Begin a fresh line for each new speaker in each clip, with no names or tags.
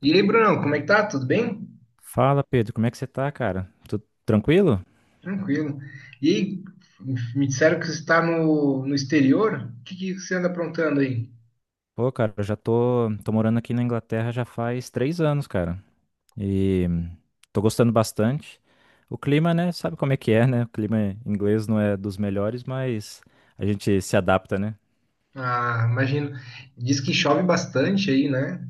E aí, Brunão, como é que tá? Tudo bem?
Fala, Pedro, como é que você tá, cara? Tudo tranquilo?
Tranquilo. E aí, me disseram que você está no exterior. O que, que você anda aprontando aí?
Pô, cara, eu já tô, tô morando aqui na Inglaterra já faz três anos, cara. E tô gostando bastante. O clima, né? Sabe como é que é, né? O clima inglês não é dos melhores, mas a gente se adapta, né?
Ah, imagino. Diz que chove bastante aí, né?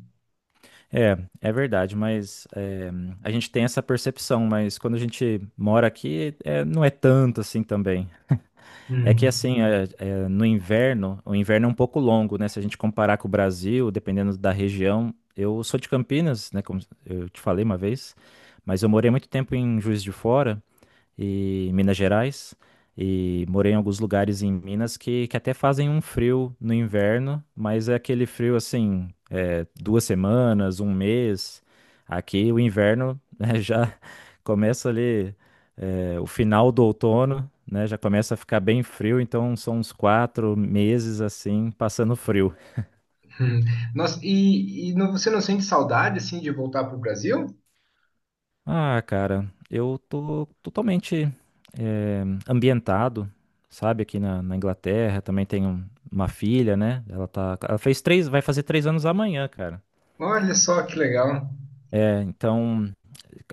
É, é verdade, mas é, a gente tem essa percepção, mas quando a gente mora aqui, é, não é tanto assim também. É que
Hum,
assim, é, no inverno, o inverno é um pouco longo, né? Se a gente comparar com o Brasil, dependendo da região, eu sou de Campinas, né? Como eu te falei uma vez, mas eu morei muito tempo em Juiz de Fora e em Minas Gerais e morei em alguns lugares em Minas que até fazem um frio no inverno, mas é aquele frio assim, é, duas semanas, um mês. Aqui o inverno né, já começa ali, o final do outono, né? Já começa a ficar bem frio, então são uns quatro meses assim, passando frio.
hum. Nossa, e você não sente saudade, assim, de voltar para o Brasil?
Ah, cara, eu tô totalmente ambientado, sabe? Aqui na Inglaterra, também tenho uma filha, né? Ela tá, ela fez três, vai fazer três anos amanhã, cara.
Olha só que legal.
É, então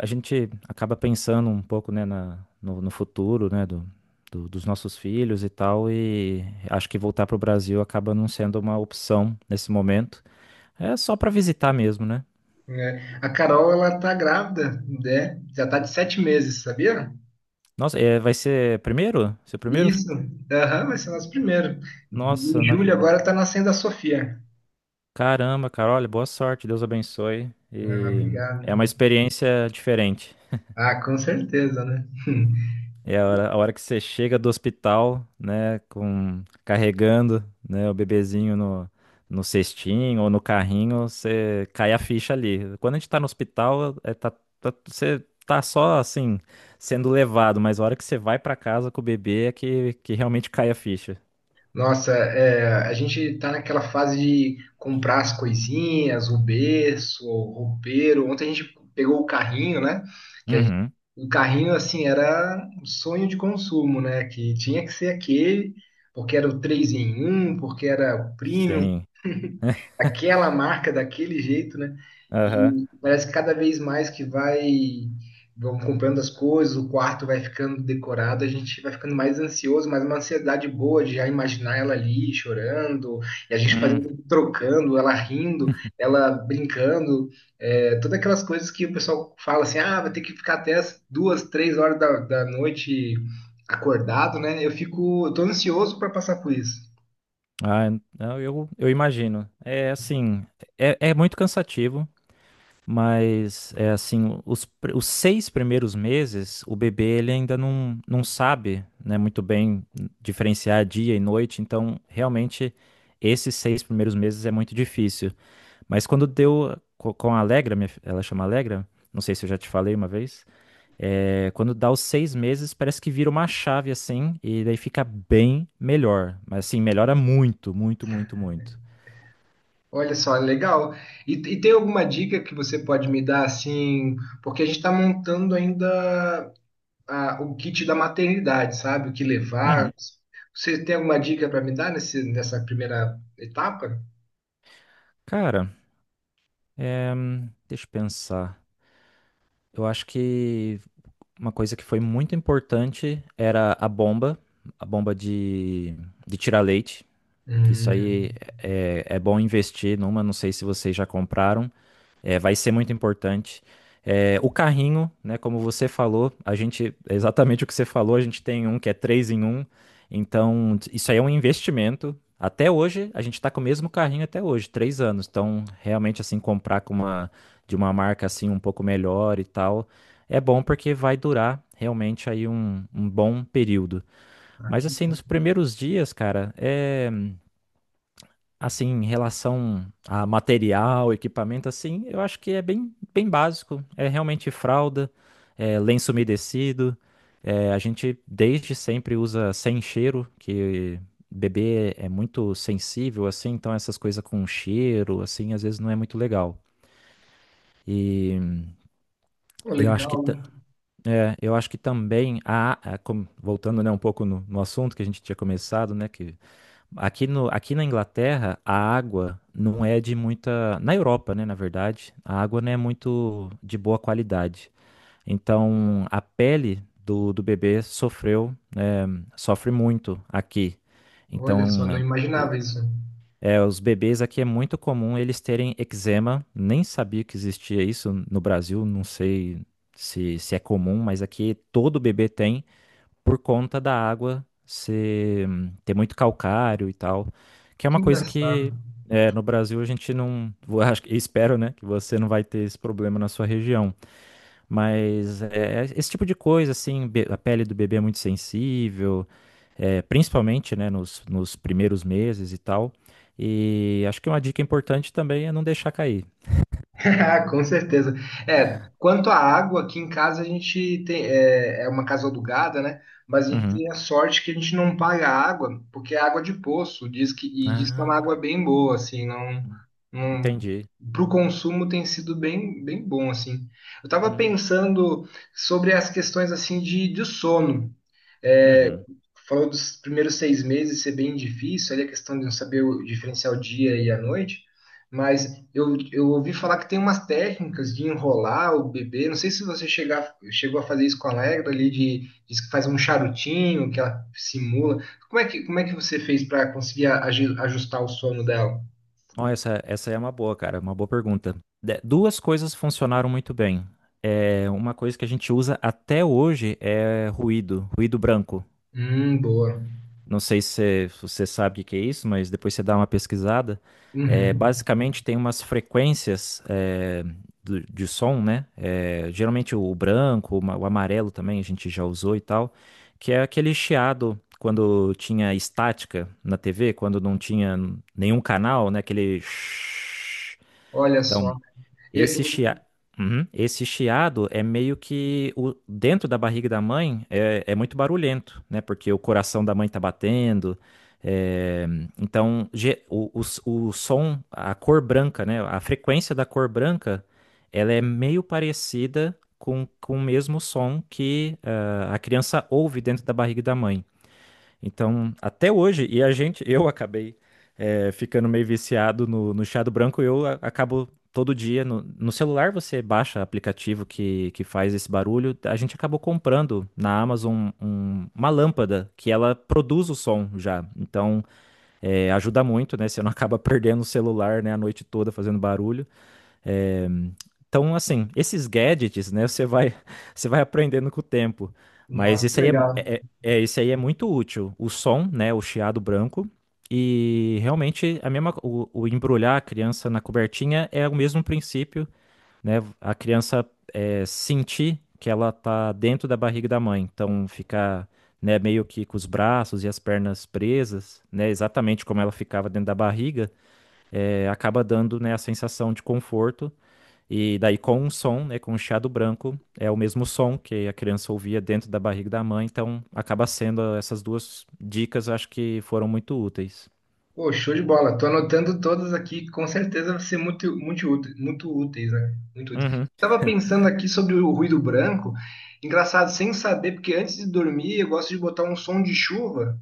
a gente acaba pensando um pouco, né, na, no, no futuro, né, dos nossos filhos e tal, e acho que voltar para o Brasil acaba não sendo uma opção nesse momento. É só para visitar mesmo, né?
Né? A Carol, ela tá grávida, né? Já tá de 7 meses, sabia?
Nossa, é, vai ser primeiro? Seu primeiro?
Isso. Aham, vai ser nosso primeiro. Em
Nossa,
julho agora tá nascendo a Sofia.
caramba, cara, olha, boa sorte, Deus abençoe.
Ah,
E é
obrigado.
uma experiência diferente.
Ah, com certeza, né?
É a hora que você chega do hospital, né, com, carregando, né, o bebezinho no, no cestinho ou no carrinho, você cai a ficha ali. Quando a gente tá no hospital, é, tá, você tá só, assim, sendo levado, mas a hora que você vai pra casa com o bebê é que realmente cai a ficha.
Nossa, é, a gente tá naquela fase de comprar as coisinhas, o berço, o roupeiro. Ontem a gente pegou o carrinho, né? Que a gente-
Uhum,
o carrinho, assim, era um sonho de consumo, né? Que tinha que ser aquele, porque era o 3 em um, porque era o premium,
sim.
aquela marca daquele jeito, né?
Aham.
E parece que cada vez mais que vai vão comprando as coisas, o quarto vai ficando decorado, a gente vai ficando mais ansioso, mas uma ansiedade boa de já imaginar ela ali chorando, e a gente
Hum.
fazendo, trocando, ela rindo, ela brincando, é, todas aquelas coisas que o pessoal fala assim, ah, vai ter que ficar até as duas, três horas da noite acordado, né? Eu fico, eu tô ansioso para passar por isso.
Ah, eu imagino. É assim, é muito cansativo. Mas é assim, os seis primeiros meses, o bebê ele ainda não sabe, né, muito bem diferenciar dia e noite, então realmente esses seis primeiros meses é muito difícil. Mas quando com a Alegra, ela chama Alegra, não sei se eu já te falei uma vez, é, quando dá os seis meses parece que vira uma chave assim, e daí fica bem melhor. Mas assim, melhora muito, muito, muito, muito.
Olha só, legal. E tem alguma dica que você pode me dar assim? Porque a gente está montando ainda o kit da maternidade, sabe? O que levar.
Uhum.
Você tem alguma dica para me dar nessa primeira etapa?
Cara, é, deixa eu pensar. Eu acho que uma coisa que foi muito importante era a bomba de tirar leite. Isso aí
Hum,
é bom investir numa, não sei se vocês já compraram. É, vai ser muito importante. É, o carrinho, né, como você falou, a gente, é exatamente o que você falou, a gente tem um que é três em um. Então, isso aí é um investimento. Até hoje, a gente está com o mesmo carrinho até hoje, três anos. Então, realmente, assim, comprar com de uma marca, assim, um pouco melhor e tal, é bom porque vai durar realmente aí um bom período.
ah,
Mas,
que
assim,
bom.
nos primeiros dias, cara, é assim, em relação a material, equipamento, assim, eu acho que é bem, bem básico. É realmente fralda, é lenço umedecido. É, a gente desde sempre usa sem cheiro, que bebê é muito sensível, assim, então essas coisas com cheiro, assim, às vezes não é muito legal. E
Pô,
eu acho que,
legal.
ta- é, eu acho que também, voltando, né, um pouco no assunto que a gente tinha começado, né, que aqui no, aqui na Inglaterra, a água não é de muita. Na Europa, né, na verdade, a água não é muito de boa qualidade. Então, a pele do bebê sofreu, sofre muito aqui.
Olha só,
Então,
não imaginava
o-
isso.
é, os bebês aqui é muito comum eles terem eczema. Nem sabia que existia isso no Brasil, não sei se é comum, mas aqui todo bebê tem por conta da água ser, ter muito calcário e tal, que é
Que
uma coisa que
engraçado.
é, no Brasil a gente não, acho espero, né, que você não vai ter esse problema na sua região, mas é, esse tipo de coisa, assim, a pele do bebê é muito sensível, é, principalmente, né, nos primeiros meses e tal, e acho que uma dica importante também é não deixar cair.
Com certeza. É, quanto à água, aqui em casa a gente tem, é, é uma casa alugada, né? Mas a gente
Uhum.
tem a sorte que a gente não paga água, porque é água de poço, diz que, e diz que é uma
Ah,
água bem boa, assim, não, não,
entendi.
para o consumo tem sido bem, bem bom, assim. Eu estava
Hum,
pensando sobre as questões, assim, de sono. É,
uhum.
falou dos primeiros 6 meses ser bem difícil, ali a questão de não saber diferenciar o dia e a noite, mas eu ouvi falar que tem umas técnicas de enrolar o bebê, não sei se você chegou a fazer isso com a Allegra ali, de, diz que faz um charutinho, que ela simula. Como é que você fez para conseguir ajustar o sono dela?
Ó, essa é uma boa, cara, uma boa pergunta. Duas coisas funcionaram muito bem. É, uma coisa que a gente usa até hoje é ruído, ruído branco.
Boa.
Não sei se você sabe o que que é isso, mas depois você dá uma pesquisada. É,
Uhum.
basicamente tem umas frequências de som, né? É, geralmente o branco, o amarelo também a gente já usou e tal, que é aquele chiado quando tinha estática na TV, quando não tinha nenhum canal, né? Aquele
Olha
então,
só. Eu-
esse chia...
eu-
Uhum. Esse chiado é meio que o... dentro da barriga da mãe é... é muito barulhento, né? Porque o coração da mãe tá batendo. é, Então, o som, a cor branca, né? A frequência da cor branca, ela é meio parecida com o mesmo som que a criança ouve dentro da barriga da mãe. Então, até hoje, e a gente, eu acabei ficando meio viciado no chá do branco, eu acabo todo dia, no celular você baixa aplicativo que faz esse barulho, a gente acabou comprando na Amazon uma lâmpada que ela produz o som já, então ajuda muito, né, você não acaba perdendo o celular, né, a noite toda fazendo barulho, é, então, assim, esses gadgets, né, você vai, você vai aprendendo com o tempo. Mas
Nossa, que
esse aí é,
legal.
é, é- é, esse aí é muito útil. O som, né, o chiado branco. E realmente a mesma, o embrulhar a criança na cobertinha é o mesmo princípio, né? A criança é, sentir que ela tá dentro da barriga da mãe. Então, ficar, né, meio que com os braços e as pernas presas, né, exatamente como ela ficava dentro da barriga, é, acaba dando, né, a sensação de conforto e daí com um som, né, com um chiado branco, é o mesmo som que a criança ouvia dentro da barriga da mãe, então acaba sendo essas duas dicas, eu acho que foram muito úteis.
Pô, show de bola. Tô anotando todas aqui, com certeza vai ser muito, muito, muito úteis, né? Muito úteis.
Uhum,
Estava pensando aqui sobre o ruído branco. Engraçado, sem saber, porque antes de dormir eu gosto de botar um som de chuva.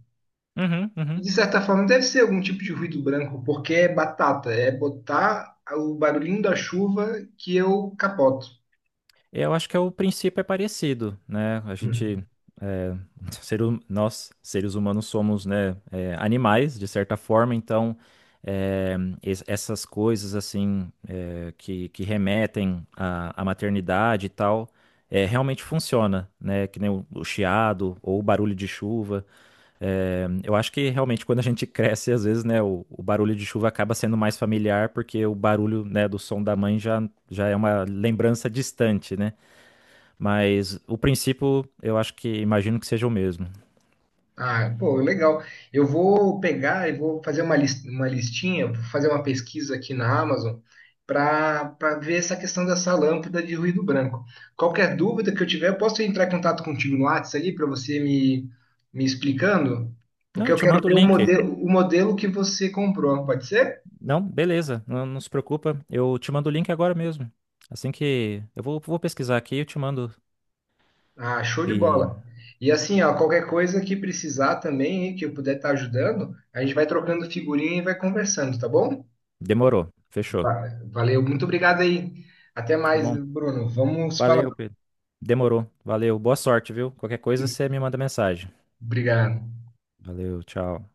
uhum,
E
uhum.
de certa forma deve ser algum tipo de ruído branco, porque é batata, é botar o barulhinho da chuva que eu capoto.
É, eu acho que é o princípio é parecido, né? A gente, é, ser nós, seres humanos, somos, né, é, animais, de certa forma, então, é, essas coisas, assim, é, que remetem à, à maternidade e tal, é, realmente funciona, né? Que nem o chiado ou o barulho de chuva. É, eu acho que realmente quando a gente cresce, às vezes, né, o barulho de chuva acaba sendo mais familiar, porque o barulho, né, do som da mãe já, já é uma lembrança distante, né? Mas o princípio, eu acho que imagino que seja o mesmo.
Ah, pô, legal. Eu vou pegar e vou fazer uma uma listinha, vou fazer uma pesquisa aqui na Amazon para ver essa questão dessa lâmpada de ruído branco. Qualquer dúvida que eu tiver, eu posso entrar em contato contigo no WhatsApp ali para você me explicando?
Não,
Porque
eu
eu
te
quero
mando o
ver
link.
o modelo que você comprou, pode ser?
Não, beleza, não, não se preocupa. Eu te mando o link agora mesmo. Assim que eu vou, vou pesquisar aqui, eu te mando.
Ah, show de
E
bola. E assim, ó, qualquer coisa que precisar também, hein, que eu puder estar ajudando, a gente vai trocando figurinha e vai conversando, tá bom?
demorou, fechou.
Valeu, muito obrigado aí. Até
Tá
mais,
bom.
Bruno. Vamos
Valeu,
falando.
Pedro. Demorou. Valeu. Boa sorte, viu? Qualquer coisa você me manda mensagem.
Obrigado.
Valeu, tchau.